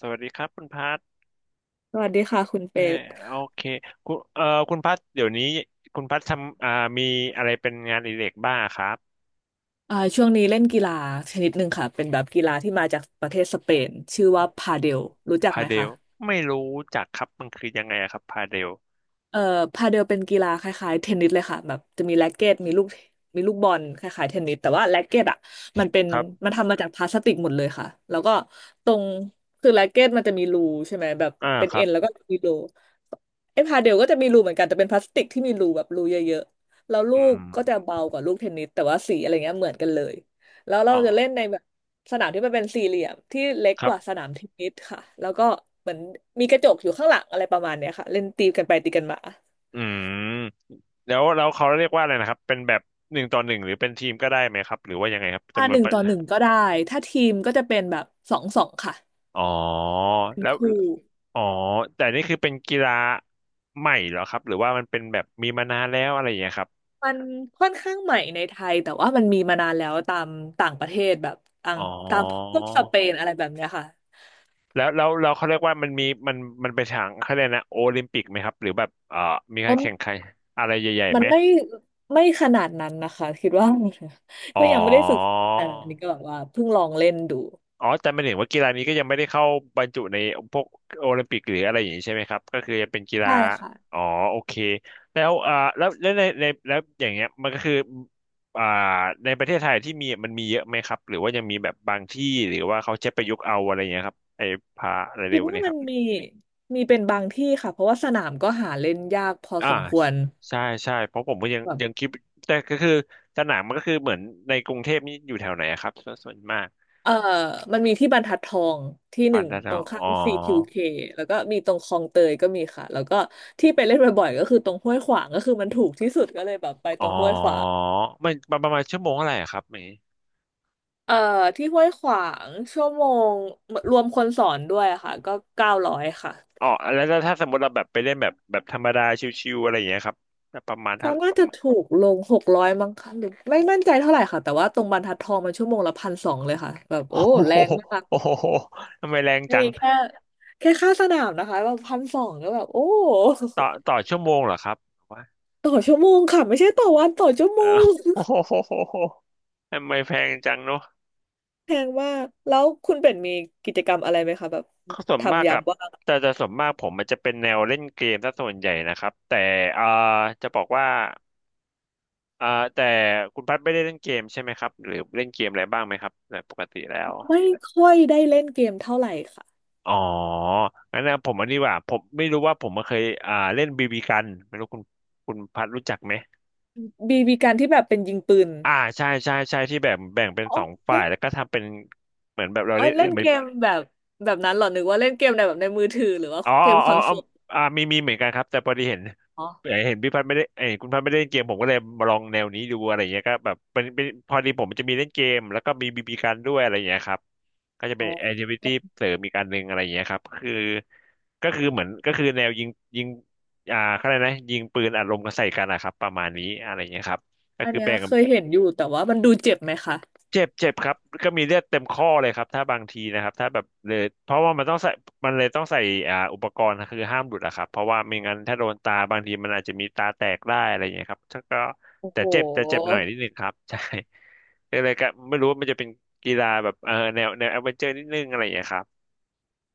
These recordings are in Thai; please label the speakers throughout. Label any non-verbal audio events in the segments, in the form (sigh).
Speaker 1: สวัสดีครับคุณพัท
Speaker 2: สวัสดีค่ะคุณเป็
Speaker 1: แม่
Speaker 2: ด
Speaker 1: โอเคคุณคุณพัทเดี๋ยวนี้คุณพัททำมีอะไรเป็นงานอดิเรกบ้างครับ
Speaker 2: ช่วงนี้เล่นกีฬาชนิดหนึ่งค่ะเป็นแบบกีฬาที่มาจากประเทศสเปนชื่อว่าพาเดลรู้จัก
Speaker 1: พา
Speaker 2: ไหม
Speaker 1: เด
Speaker 2: คะ
Speaker 1: ลไม่รู้จักครับมันคือยังไงอะครับพาเดล
Speaker 2: เอ่อพาเดลเป็นกีฬาคล้ายๆเทนนิสเลยค่ะแบบจะมีแร็กเกตมีลูกมีบอลคล้ายๆเทนนิสแต่ว่าแร็กเกตอ่ะมันเป็น
Speaker 1: ครับ
Speaker 2: มันทำมาจากพลาสติกหมดเลยค่ะแล้วก็ตรงคือแร็กเกตมันจะมีรูใช่ไหมแบบ
Speaker 1: อ่า
Speaker 2: เป็น
Speaker 1: ครั
Speaker 2: เอ็
Speaker 1: บ
Speaker 2: นแล้วก็มีรูไอ้พาเดลก็จะมีรูเหมือนกันแต่เป็นพลาสติกที่มีรูแบบรูเยอะๆแล้วลู
Speaker 1: อื
Speaker 2: ก
Speaker 1: ม
Speaker 2: ก็จะเบากว่าลูกเทนนิสแต่ว่าสีอะไรเงี้ยเหมือนกันเลยแล้วเรา
Speaker 1: อ๋อ
Speaker 2: จะเล่นในแบบ สนามที่มันเป็นสี่เหลี่ยมที่เล็ก
Speaker 1: ค
Speaker 2: ก
Speaker 1: รับ
Speaker 2: ว่าสนามเทนนิสค่ะแล้วก็เหมือนมีกระจกอยู่ข้างหลังอะไรประมาณเนี้ยค่ะเล่นตีกันไปตีกันมา
Speaker 1: อืมแล้วเขาเรียกว่าอะไรนะครับเป็นแบบหนึ่งต่อหนึ่งหรือเป็นทีมก็ได้ไหมครับหรือว่ายังไงครับจำน
Speaker 2: ห
Speaker 1: วน
Speaker 2: นึ่ง
Speaker 1: ประ
Speaker 2: ต่อหนึ่งก็ได้ถ้าทีมก็จะเป็นแบบสองสองค่ะ
Speaker 1: อ๋อ
Speaker 2: เป็น
Speaker 1: แล้ว
Speaker 2: คู่
Speaker 1: อ๋อแต่นี่คือเป็นกีฬาใหม่เหรอครับหรือว่ามันเป็นแบบมีมานานแล้วอะไรอย่างเงี้ยครับ
Speaker 2: มันค่อนข้างใหม่ในไทยแต่ว่ามันมีมานานแล้วตามต่างประเทศแบบต่าง
Speaker 1: อ๋อ
Speaker 2: ตามพวกสเปนอะไรแบบเนี้ยค่ะ
Speaker 1: แล้วล้เขาเรียกว่ามันมีมันมันไปนทางเขาเรียกนะโอลิมปิกไหมครับหรือแบบมีกา
Speaker 2: อ๋อ
Speaker 1: รแข่งขันอะไรใหญ่ๆ
Speaker 2: มัน
Speaker 1: ไหม
Speaker 2: ไม่ขนาดนั้นนะคะคิดว่า (laughs)
Speaker 1: อ๋อ
Speaker 2: ก็ยังไม่ได้ฝึกแต่อันนี้ก็แบบว่าเพิ่งลองเล่นดู
Speaker 1: อ๋อแต่ไม่เห็นว่ากีฬานี้ก็ยังไม่ได้เข้าบรรจุในพวกโอลิมปิกหรืออะไรอย่างนี้ใช่ไหมครับก็คือจะเป็นกีฬา
Speaker 2: ใช่ค่ะ
Speaker 1: อ๋อโอเคแล้วแล้วในแล้วอย่างเงี้ยมันก็คืออ่าในประเทศไทยที่มีมันมีเยอะไหมครับหรือว่ายังมีแบบบางที่หรือว่าเขาใช้ประยุกต์เอาอะไรอย่างเงี้ยครับไอ้พาอะไร
Speaker 2: คิ
Speaker 1: เร็
Speaker 2: ด
Speaker 1: ว
Speaker 2: ว่า
Speaker 1: เนี่ยค
Speaker 2: มัน
Speaker 1: รับ
Speaker 2: มีเป็นบางที่ค่ะเพราะว่าสนามก็หาเล่นยากพอ
Speaker 1: อ่า
Speaker 2: สมควร
Speaker 1: ใช่ใช่เพราะผมก็ยัง
Speaker 2: แบบ
Speaker 1: ยังคิดแต่ก็คือสนามมันก็คือเหมือนในกรุงเทพนี่อยู่แถวไหนอะครับส่วนมาก
Speaker 2: เออมันมีที่บรรทัดทองที่ห
Speaker 1: บา
Speaker 2: นึ่
Speaker 1: ง
Speaker 2: ง
Speaker 1: นา
Speaker 2: ต
Speaker 1: นา
Speaker 2: รง
Speaker 1: อ๋
Speaker 2: ข้า
Speaker 1: อ
Speaker 2: ม CQK แล้วก็มีตรงคลองเตยก็มีค่ะแล้วก็ที่ไปเล่นบ่อยๆก็คือตรงห้วยขวางก็คือมันถูกที่สุดก็เลยแบบไปต
Speaker 1: อ๋อ
Speaker 2: รงห้วยขวาง
Speaker 1: มันประประมาณชั่วโมงเท่าไหร่อะครับเมย์
Speaker 2: เอ่อที่ห้วยขวางชั่วโมงรวมคนสอนด้วยอะค่ะก็เก้าร้อยค่ะ
Speaker 1: อ๋อแล้วถ้าสมมติเราแบบไปเล่นแบบธรรมดาชิวๆอะไรอย่างเงี้ยครับประมาณ
Speaker 2: ก็
Speaker 1: เท่า
Speaker 2: น่าจะถูกลงหกร้อยมั้งค่ะหรือไม่มั่นใจเท่าไหร่ค่ะแต่ว่าตรงบรรทัดทองมันชั่วโมงละพันสองเลยค่ะแบบ
Speaker 1: โอ้
Speaker 2: โอ้แร
Speaker 1: โห
Speaker 2: งมาก
Speaker 1: โอ้โหทำไมแรง
Speaker 2: อัน
Speaker 1: จัง
Speaker 2: นี้แค่แค่ค่าสนามนะคะแบบพันสองก็แบบโอ้ (laughs)
Speaker 1: ต่อชั่วโมงเหรอครับว่า
Speaker 2: ต่อชั่วโมงค่ะไม่ใช่ต่อวันต่อชั่ว
Speaker 1: เอ
Speaker 2: โม
Speaker 1: อ
Speaker 2: ง
Speaker 1: โอ้
Speaker 2: (laughs)
Speaker 1: โหทำไมแพงจังเนอะ
Speaker 2: แพงมากแล้วคุณเป็นมีกิจกรรมอะไรไหมคะแบบ
Speaker 1: ส่วนมาก
Speaker 2: ทำยา
Speaker 1: กั
Speaker 2: ม
Speaker 1: บ
Speaker 2: ว่าง
Speaker 1: แต่จะส่วนมากผมมันจะเป็นแนวเล่นเกมซะส่วนใหญ่นะครับแต่เอ่าจะบอกว่าเอ่าแต่คุณพัดไม่ได้เล่นเกมใช่ไหมครับหรือเล่นเกมอะไรบ้างไหมครับในปกติแล้ว
Speaker 2: ไม่ค่อยได้เล่นเกมเท่าไหร่ค่ะ
Speaker 1: อ๋องั้นนะผมอันนี้ว่าผมไม่รู้ว่าผมเคยเล่นบีบีกันไม่รู้คุณพัดรู้จักไหม
Speaker 2: บีบีการที่แบบเป็นยิงปืน
Speaker 1: อ่าใช่ใช่ใช่ที่แบบแบ่งเป็น
Speaker 2: อ๋อ
Speaker 1: สองฝ่า
Speaker 2: เล่
Speaker 1: ย
Speaker 2: น
Speaker 1: แล้วก็ทำเป็นเหมือนแบบเรา
Speaker 2: อ๋อ
Speaker 1: เล่น
Speaker 2: เล่น
Speaker 1: เหมือ
Speaker 2: เก
Speaker 1: น
Speaker 2: มแบบแบบนั้นเหรอนึกว่าเล่นเกมในแบบในมือถือหรือว่า
Speaker 1: อ๋อ
Speaker 2: เกมค
Speaker 1: อ๋อ
Speaker 2: อน
Speaker 1: อ๋
Speaker 2: โซ
Speaker 1: อออ
Speaker 2: ล
Speaker 1: มีเหมือนกันครับแต่พอดีเห็น
Speaker 2: อ๋อ
Speaker 1: เห็นพี่พัดไม่ได้เอ้ยคุณพัดไม่ได้เล่นเกมผมก็เลยมาลองแนวนี้ดูอะไรเงี้ยก็แบบเป็นพอดีผมจะมีเล่นเกมแล้วก็มีบีบีกันด้วยอะไรเงี้ยครับก็จะ
Speaker 2: อ๋
Speaker 1: เป็
Speaker 2: อ
Speaker 1: นแอคทิวิตี้เสริมอีกอันหนึ่งอะไรเงี้ยครับคือก็คือแนวยิงเขาเรียกนะยิงปืนอัดลมกันใส่กันนะครับประมาณนี้อะไรเงี้ยครับก็
Speaker 2: อัน
Speaker 1: คือ
Speaker 2: เนี้ย
Speaker 1: แบ่ง
Speaker 2: เคยเห็นอยู่แต่ว่ามันดูเจ็บไหมคะ
Speaker 1: เจ็บเจ็บครับก็มีเลือดเต็มข้อเลยครับถ้าบางทีนะครับถ้าแบบเลยเพราะว่ามันต้องใส่มันเลยต้องใส่อุปกรณ์คือห้ามหลุดอะครับเพราะว่าไม่งั้นถ้าโดนตาบางทีมันอาจจะมีตาแตกได้อะไรอย่างเงี้ยครับถ้าก็
Speaker 2: โอ้
Speaker 1: แต่
Speaker 2: โห
Speaker 1: เจ็บแต่เจ็บหน่อยนิดนึงครับ (laughs) ใช่ก็เลยก็ไม่รู้ว่ามันจะเป็นกีฬาแบบเออแนวแอดเวนเจอร์นิดนึงอะไรอย่างเงี้ยครับ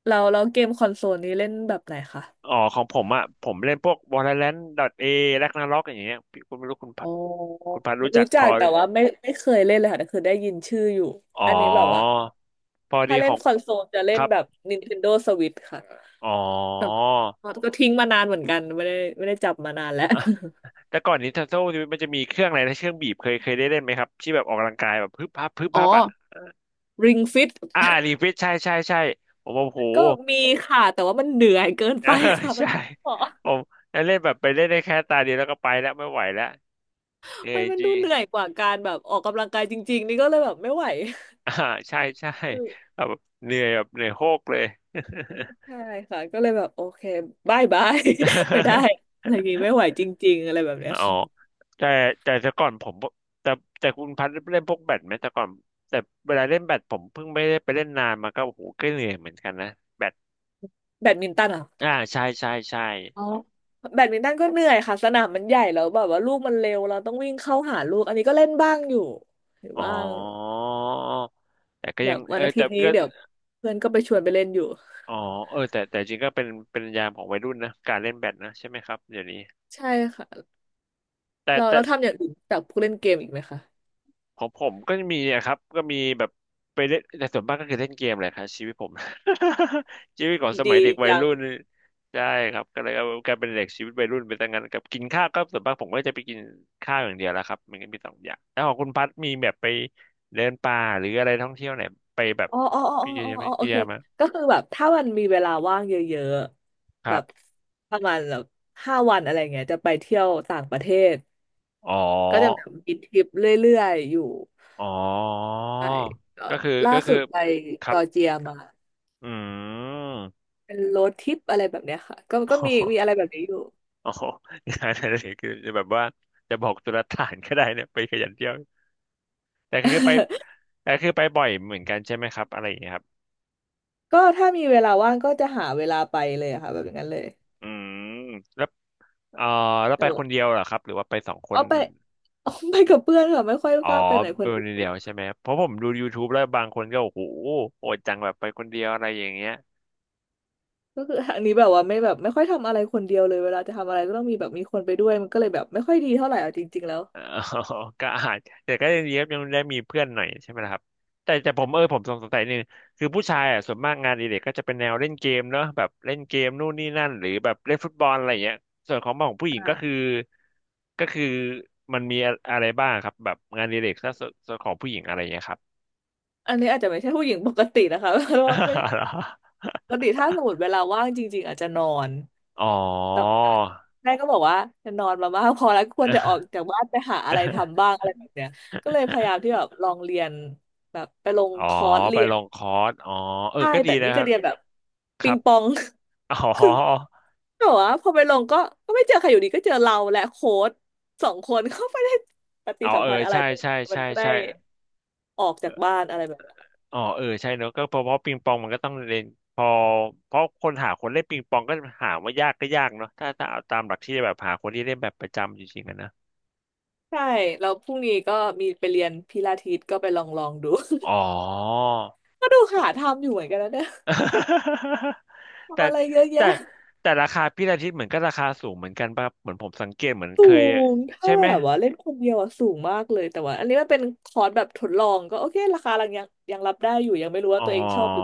Speaker 2: เราเราเกมคอนโซลนี้เล่นแบบไหนคะ
Speaker 1: อ๋อของผมอะผมเล่นพวก Valorant .A Ragnarok อย่างเงี้ยพี่คุณไม่รู้คุณพั
Speaker 2: โอ้
Speaker 1: ดคุณพัดรู้จั
Speaker 2: รู้
Speaker 1: กพ
Speaker 2: จั
Speaker 1: อ
Speaker 2: ก (laughs) แต่ว่าไม่เคยเล่นเลยค่ะแต่คือได้ยินชื่ออยู่
Speaker 1: อ๋
Speaker 2: อั
Speaker 1: อ
Speaker 2: นนี้แบบว่า
Speaker 1: พอ
Speaker 2: ถ้า
Speaker 1: ดีข
Speaker 2: เล่น
Speaker 1: อง
Speaker 2: คอนโซลจะเล่
Speaker 1: ค
Speaker 2: น
Speaker 1: รับ
Speaker 2: แบบ Nintendo Switch ค่ะ
Speaker 1: อ๋อ
Speaker 2: แต่ว่าก็ทิ้งมานานเหมือนกันไม่ได้จับมานานแล้ว
Speaker 1: แต่ก่อน Nintendo มันจะมีเครื่องอะไรนะเครื่องบีบเคยได้เล่นไหมครับที่แบบออกกำลังกายแบบพึบพับพึบ
Speaker 2: อ๋อ
Speaker 1: พับอ่ะ
Speaker 2: Ring Fit
Speaker 1: อ่ารีเฟรชใช่ใช่ใช่ผมโอ้โห
Speaker 2: ก็มีค่ะแต่ว่ามันเหนื่อยเกิน
Speaker 1: เออ
Speaker 2: ไป
Speaker 1: (laughs)
Speaker 2: ค่ะมั
Speaker 1: ใช่
Speaker 2: นอ๋อ
Speaker 1: ผมเล่นแบบไปเล่นได้แค่ตาเดียวแล้วก็ไปแล้วไม่ไหวแล้วเหนื่อ
Speaker 2: มั
Speaker 1: ย
Speaker 2: นมัน
Speaker 1: จ
Speaker 2: ดู
Speaker 1: ริง
Speaker 2: เหนื่อยกว่าการแบบออกกำลังกายจริงๆนี่ก็เลยแบบไม่ไหว
Speaker 1: (laughs) อ่าใช่ใช่
Speaker 2: อืม
Speaker 1: แบบเหนื่อยโฮกเลย
Speaker 2: ใช่ค่ะก็เลยแบบโอเคบายบาย (laughs) ไม่ได้อะไรอย่างงี้ไม่ไหวจริงๆอะไรแบบ
Speaker 1: (laughs)
Speaker 2: เนี้ย
Speaker 1: อ๋อ
Speaker 2: ค่ะ
Speaker 1: แต่แต่แต่ก่อนผมแต่แต่คุณพัดเล่นพวกแบดไหมแต่ก่อนแต่เวลาเล่นแบดผมเพิ่งไม่ได้ไปเล่นนานมาก็โอ้โหก็เหนื่อยเหมือนกันนะแบด
Speaker 2: แบดมินตันอ่ะ
Speaker 1: อ่าใช่ใช่ใช่
Speaker 2: อ๋อแบดมินตันก็เหนื่อยค่ะสนามมันใหญ่แล้วแบบว่าลูกมันเร็วเราต้องวิ่งเข้าหาลูกอันนี้ก็เล่นบ้างอยู่เห็น
Speaker 1: อ๋อ
Speaker 2: บ้าง
Speaker 1: แต่ก็
Speaker 2: แบ
Speaker 1: ยัง
Speaker 2: บวั
Speaker 1: เอ
Speaker 2: น
Speaker 1: อ
Speaker 2: อาทิ
Speaker 1: แต่
Speaker 2: ตย์นี้
Speaker 1: ก็
Speaker 2: เดี๋ยวเพื่อนก็ไปชวนไปเล่นอยู่
Speaker 1: อ๋อเออแต่จริงก็เป็นยามของวัยรุ่นนะการเล่นแบดนะใช่ไหมครับเดี๋ยวนี้
Speaker 2: ใช่ค่ะ
Speaker 1: แต่
Speaker 2: เรา
Speaker 1: แต่
Speaker 2: เราทำอย่างอื่นจากพวกเล่นเกมอีกไหมคะ
Speaker 1: ของผมก็มีอะครับก็มีแบบไปเล่นแต่ส่วนมากก็คือเล่นเกมแหละครับชีวิตผม (laughs) ชีวิตของสมัย
Speaker 2: ดี
Speaker 1: เด็กวัย
Speaker 2: จัง
Speaker 1: รุ่นใช่ครับก็เลยเอากลายเป็นเด็กชีวิตวัยรุ่นไปตั้งงั้นกับกินข้าวก็ส่วนมากผมก็จะไปกินข้าวอย่างเดียวแล้วครับมันก็มีสองอย่างแล้วของคุณพัดมีแบบไปเดินป่าหรืออะไรท่องเที่ยวไหนไปแบบ
Speaker 2: อ๋ออ๋ออ๋
Speaker 1: พี่
Speaker 2: อ
Speaker 1: เยี่
Speaker 2: อ๋อ
Speaker 1: ยม
Speaker 2: อ๋อโอ
Speaker 1: เยี่ย
Speaker 2: เค
Speaker 1: มไหมา
Speaker 2: ก็คือแบบถ้ามันมีเวลาว่างเยอะ
Speaker 1: ค
Speaker 2: ๆแบ
Speaker 1: รั
Speaker 2: บ
Speaker 1: บ
Speaker 2: ประมาณแบบห้าวันอะไรเงี้ยจะไปเที่ยวต่างประเทศ
Speaker 1: อ๋อ
Speaker 2: ก็จะแบบมีทริปเรื่อยๆอยู่
Speaker 1: อ๋อ
Speaker 2: ใช่ก็
Speaker 1: ก็คือ
Speaker 2: ล่า
Speaker 1: ก็คื
Speaker 2: สุ
Speaker 1: อ
Speaker 2: ดไป
Speaker 1: ค
Speaker 2: จ
Speaker 1: รับ
Speaker 2: อร์เจียมา
Speaker 1: อืม
Speaker 2: เป็นโรดทริปอะไรแบบเนี้ยค่ะก็ก็มี
Speaker 1: (laughs)
Speaker 2: อะไรแบบนี้อยู่
Speaker 1: อ๋องานอะไรคือจะแบบว่าจะบอกตุลาฐานก็ได้เนี่ยไปขยันเที่ยวแต่ก็คือไปแต่คือไปบ่อยเหมือนกันใช่ไหมครับอะไรอย่างเงี้ยครับ
Speaker 2: ก็ถ้ามีเวลาว่างก็จะหาเวลาไปเลยอะค่ะแบบอย่างนั้นเลย
Speaker 1: อืมแล้วเอ่อแล้ว
Speaker 2: แต่
Speaker 1: ไปค
Speaker 2: ว่า
Speaker 1: นเดียวเหรอครับหรือว่าไปสองค
Speaker 2: อ๋อ
Speaker 1: น
Speaker 2: ไป (laughs) อ๋อไปกับเพื่อนค่ะไม่ค่อย
Speaker 1: อ๋อ
Speaker 2: กล้าไปไหนค
Speaker 1: ไป
Speaker 2: น
Speaker 1: ค
Speaker 2: เดี
Speaker 1: น
Speaker 2: ยว
Speaker 1: เดียวใช่ไหมเพราะผมดู YouTube แล้วบางคนก็โอ้โหโหดจังแบบไปคนเดียวอะไรอย่างเงี้ย
Speaker 2: ก็คืออันนี้แบบว่าไม่แบบไม่ค่อยทำอะไรคนเดียวเลยเวลาจะทำอะไรก็ต้องมีแบบมีคนไปด้วยมันก็เลยแบบไม่ค่อยดีเท่าไหร่เอาจริงๆแล้ว
Speaker 1: อ๋อ (laughs) ก็อาจแต่ก็ยังดีครับยังได้มีเพื่อนหน่อยใช่ไหมล่ะครับแต่ผมผมสงสัยนึงคือผู้ชายอ่ะส่วนมากงานอดิเรกก็จะเป็นแนวเล่นเกมเนอะแบบเล่นเกมนู่นนี่นั่นหรือแบบเล่นฟุตบอลอะไรอย่างเงี้ยส่วนของผู้หญิงก็คือ
Speaker 2: อ่า
Speaker 1: ก็คือมันมีอะไรบ้างครับแบบงานอดิเรกถ้าส่วนของผู้หญิงอะไรอย่างเงี้ยครับ
Speaker 2: อันนี้อาจจะไม่ใช่ผู้หญิงปกตินะคะ (laughs) เพราะว่าไม่ปกติถ้าสมมติเวลาว่างจริงๆอาจจะนอน
Speaker 1: (laughs) อ๋อ
Speaker 2: แต่ว่าแม่ก็บอกว่าจะนอนมามากพอแล้วควรจะออกจากบ้านไปหาอะไรทำบ้างอะไรแบบเนี้ยก็เลยพยายามที่แบบลองเรียนแบบไปลง
Speaker 1: (laughs) อ๋อ
Speaker 2: คอร์ส
Speaker 1: ไป
Speaker 2: เรีย
Speaker 1: ล
Speaker 2: น
Speaker 1: งคอร์สอ๋อเออ
Speaker 2: ใช่
Speaker 1: ก็ดี
Speaker 2: แต่
Speaker 1: นะ
Speaker 2: นี่
Speaker 1: ค
Speaker 2: จะ
Speaker 1: รับ
Speaker 2: เรียนแบบ
Speaker 1: ค
Speaker 2: ปิ
Speaker 1: รั
Speaker 2: ง
Speaker 1: บ
Speaker 2: ปอง
Speaker 1: (laughs) อ๋อ
Speaker 2: (laughs) คือแต่ว่าพอไปลงก็ไม่เจอใครอยู่ดีก็เจอเราและโค้ชสองคนเขาไม่ได้ปฏิ
Speaker 1: อ๋อ
Speaker 2: สัม
Speaker 1: เออ
Speaker 2: พันธ์อะไร
Speaker 1: ใช่
Speaker 2: แต่
Speaker 1: ใช่
Speaker 2: มั
Speaker 1: ใช่
Speaker 2: นก็ได้
Speaker 1: ใช่
Speaker 2: ออกจากบ้านอะไรแบบเนี้ย
Speaker 1: อ๋อเออใช่เนอะก็เพราะเพราะปิงปองมันก็ต้องเล่นพอเพราะคนหาคนเล่นปิงปองก็หาว่ายากก็ยากเนาะถ้าถ้าเอาตามหลักที่แบบหาคนที่เล่นแบบประจำจริงๆอะนะ
Speaker 2: ใช่แล้วพรุ่งนี้ก็มีไปเรียนพิลาทิสก็ไปลองดู
Speaker 1: อ๋อ
Speaker 2: (laughs) ก็ดูหาทำอยู่เหมือนกันนะเนี่ย
Speaker 1: (laughs) แต่
Speaker 2: ทำอะไรเยอะแยะ
Speaker 1: แต่แต่ราคาพี่อาทิตย์เหมือนก็ราคาสูงเหมือนกันป่ะเหมือนผมสังเกตเหมือน
Speaker 2: สู
Speaker 1: เคย
Speaker 2: งถ้า
Speaker 1: ใช่ไหม
Speaker 2: แบบว่าเล่นคนเดียวอะสูงมากเลยแต่ว่าอันนี้มันเป็นคอร์สแบบทดลองก็โอเคราคายังรับได้อยู่ยังไม่รู้ว่า
Speaker 1: อ๋อ
Speaker 2: ตัวเองชอบหรือ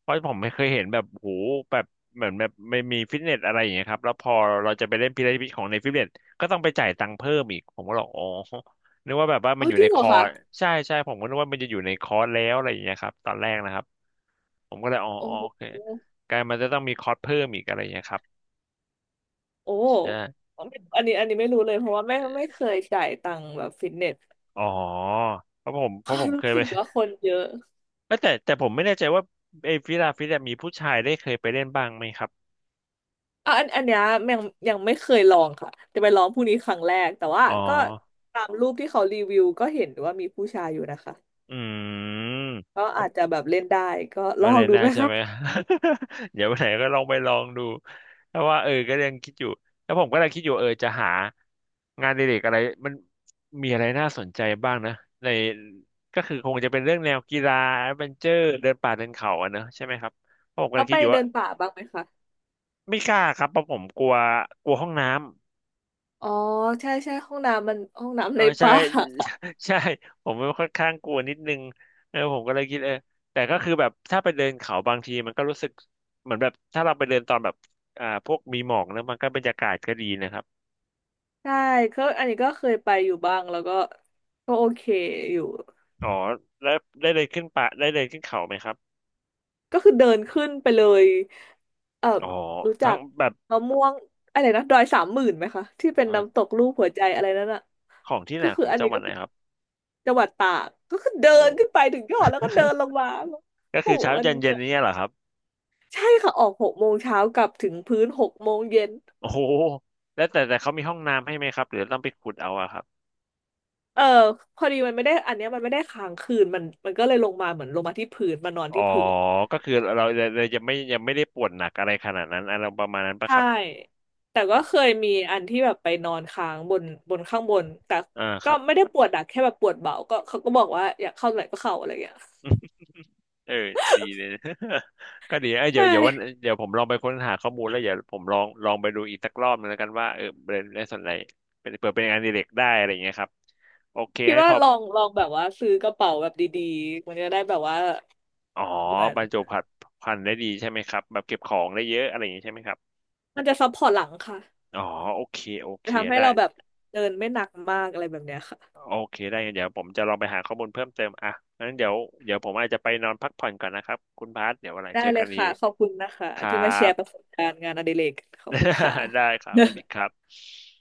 Speaker 1: เพราะผมไม่เคยเห็นแบบโหแบบเหมือนแบบไม่มีฟิตเนสอะไรอย่างเงี้ยครับแล้วพอเราจะไปเล่นพีระมิดของในฟิตเนสก็ต้องไปจ่ายตังค์เพิ่มอีกผมก็บอกอ๋อนึกว่าแบบว่ามัน
Speaker 2: เอา
Speaker 1: อยู่
Speaker 2: จริ
Speaker 1: ใน
Speaker 2: ง
Speaker 1: ค
Speaker 2: เหรอ
Speaker 1: อร์ส
Speaker 2: คะ
Speaker 1: ใช่ใช่ผมก็นึกว่ามันจะอยู่ในคอร์สแล้วอะไรอย่างเงี้ยครับตอนแรกนะครับผมก็เลยอ๋อ
Speaker 2: โอ้
Speaker 1: อ๋อโอเค
Speaker 2: โห
Speaker 1: กลายมันจะต้องมีคอร์สเพิ่มอีกอะไรอย่างเงี้ยครับ
Speaker 2: โอ้
Speaker 1: ใช่
Speaker 2: อันนี้ไม่รู้เลยเพราะว่าไม่เคยจ่ายตังค์แบบฟิตเนส
Speaker 1: อ๋อเพราะผมเค
Speaker 2: รู้
Speaker 1: ยไป
Speaker 2: สึก
Speaker 1: (laughs)
Speaker 2: ว่าคนเยอะ
Speaker 1: เอ้ยแต่แต่ผมไม่แน่ใจว่าไอ้ฟิลาฟิตเนสมีผู้ชายได้เคยไปเล่นบ้างไหมครับ
Speaker 2: อ่ะอันเนี้ยยังยังไม่เคยลองค่ะจะไปลองพรุ่งนี้ครั้งแรกแต่ว่า
Speaker 1: อ๋อ
Speaker 2: ก็ตามรูปที่เขารีวิวก็เห็นว่ามีผู้ชายอยู่นะคะ
Speaker 1: อืม
Speaker 2: ก็อาจจะแบบเล่นได้ก็ลอ
Speaker 1: มา
Speaker 2: ง
Speaker 1: เรียน
Speaker 2: ดู
Speaker 1: ได้
Speaker 2: ไหม
Speaker 1: ใช่
Speaker 2: คะ
Speaker 1: ไหม (laughs) เดี๋ยววันไหนก็ลองไปลองดูแต่ว่าเออก็ยังคิดอยู่แล้วผมก็เลยคิดอยู่เออจะหางานอดิเรกอะไรมันมีอะไรน่าสนใจบ้างนะในก็คือคงจะเป็นเรื่องแนวกีฬาแอดเวนเจอร์เดินป่าเดินเขาอะเนอะใช่ไหมครับเพราะผมกำ
Speaker 2: แล้
Speaker 1: ลั
Speaker 2: ว
Speaker 1: ง
Speaker 2: ไป
Speaker 1: คิดอยู่
Speaker 2: เดิ
Speaker 1: ว่า
Speaker 2: นป่าบ้างไหมคะ
Speaker 1: ไม่กล้าครับเพราะผมกลัวกลัวห้องน้ำ
Speaker 2: อ๋อใช่ใช่ห้องน้ำมันห้อง
Speaker 1: เอ
Speaker 2: น้ำ
Speaker 1: อ
Speaker 2: ใน
Speaker 1: ใช่
Speaker 2: ป่า
Speaker 1: (laughs) ใช่ผมมันค่อนข้างกลัวนิดนึงเออผมก็เลยคิดเออแต่ก็คือแบบถ้าไปเดินเขาบางทีมันก็รู้สึกเหมือนแบบถ้าเราไปเดินตอนแบบพวกมีหมอกแล้วมันก็บรรยากาศก็ดีนะครับ
Speaker 2: (laughs) ใช่ก็อันนี้ก็เคยไปอยู่บ้างแล้วก็ก็โอเคอยู่
Speaker 1: อ๋อแล้วได้เดินขึ้นป่าได้เดินขึ้นเขาไหมครับ
Speaker 2: ก็คือเดินขึ้นไปเลยเอ่อ
Speaker 1: อ๋อ
Speaker 2: รู้จั
Speaker 1: ทั้ง
Speaker 2: ก
Speaker 1: แบบ
Speaker 2: มะม่วงอะไรนะดอยสามหมื่นไหมคะที่เป็น
Speaker 1: เอ่
Speaker 2: น้ำ
Speaker 1: อ
Speaker 2: ตกรูปหัวใจอะไรนั่นอ่ะ
Speaker 1: ของที่ไหน
Speaker 2: ก็คื
Speaker 1: ข
Speaker 2: อ
Speaker 1: อง
Speaker 2: อัน
Speaker 1: จัง
Speaker 2: นี้
Speaker 1: หวั
Speaker 2: ก็
Speaker 1: ดไหน
Speaker 2: คือ
Speaker 1: ครับ
Speaker 2: จังหวัดตากก็คือเดิ
Speaker 1: โอ้
Speaker 2: นขึ้นไปถึงยอดแล้วก็เดินลงมา
Speaker 1: (laughs) ก็
Speaker 2: โอ้
Speaker 1: คือ
Speaker 2: โห
Speaker 1: เช้า
Speaker 2: มัน
Speaker 1: เย็น
Speaker 2: เห
Speaker 1: เย็น
Speaker 2: นื่อย
Speaker 1: นี้เหรอครับ
Speaker 2: ใช่ค่ะออกหกโมงเช้ากลับถึงพื้นหกโมงเย็น
Speaker 1: โอ้โหแล้วแต่เขามีห้องน้ำให้ไหมครับหรือต้องไปขุดเอาอะครับ
Speaker 2: เออพอดีมันไม่ได้อันเนี้ยมันไม่ได้ค้างคืนมันก็เลยลงมาเหมือนลงมาที่พื้นมานอน
Speaker 1: อ๋อ
Speaker 2: ที่พื้น
Speaker 1: ก็คือเราจะไม่ยังไม่ได้ปวดหนักอะไรขนาดนั้นอะไรประมาณนั้นปะค
Speaker 2: ใช่
Speaker 1: รับ
Speaker 2: แต่ก็เคยมีอันที่แบบไปนอนค้างบนข้างบนแต่
Speaker 1: อ่าค
Speaker 2: ก็
Speaker 1: รับ
Speaker 2: ไม่ได้ปวดหนักแค่แบบปวดเบาก็เขาก็บอกว่าอยากเข้าไหนก็เข้าอะไรอย่างเงี้ย
Speaker 1: เออดีเลย (laughs) ก็ดีเอ้ยเดี๋
Speaker 2: ใช่
Speaker 1: ยวเดี๋ยววันเดี๋ยวผมลองไปค้นหาข้อมูลแล้วเดี๋ยวผมลองลองไปดูอีกสักรอบนึงแล้วกันว่าเออเป็นในส่วนไหนเป็นเผื่อเป็นงานอดิเรกได้อะไรอย่างเงี้ยครับโอเค
Speaker 2: คิด
Speaker 1: งั้น
Speaker 2: ว่า
Speaker 1: เขา
Speaker 2: ลองแบบว่าซื้อกระเป๋าแบบดีๆมันจะได้แบบว่า
Speaker 1: อ๋อ
Speaker 2: เหมือน
Speaker 1: บรรจุผัดพันธุ์ได้ดีใช่ไหมครับแบบเก็บของได้เยอะอะไรอย่างเงี้ยใช่ไหมครับ
Speaker 2: มันจะซัพพอร์ตหลังค่ะ
Speaker 1: อ๋อโอเคโอเค
Speaker 2: จะทำให้
Speaker 1: ได้
Speaker 2: เราแบบเดินไม่หนักมากอะไรแบบเนี้ยค่ะ
Speaker 1: โอเคได้งั้นเดี๋ยวผมจะลองไปหาข้อมูลเพิ่มเติมอ่ะงั้นเดี๋ยวผมอาจจะไปนอนพักผ่อนก่อนนะครับคุณพาสเดี๋ยววันไหน
Speaker 2: ได้
Speaker 1: เจอ
Speaker 2: เล
Speaker 1: กั
Speaker 2: ย
Speaker 1: นดี
Speaker 2: ค่ะขอบคุณนะคะ
Speaker 1: ครั
Speaker 2: ที่มาแชร์ประส
Speaker 1: บ
Speaker 2: บการณ์งานอดิเรกขอบคุณค่ะ
Speaker 1: (laughs) ได้ครับสวัสดีครับ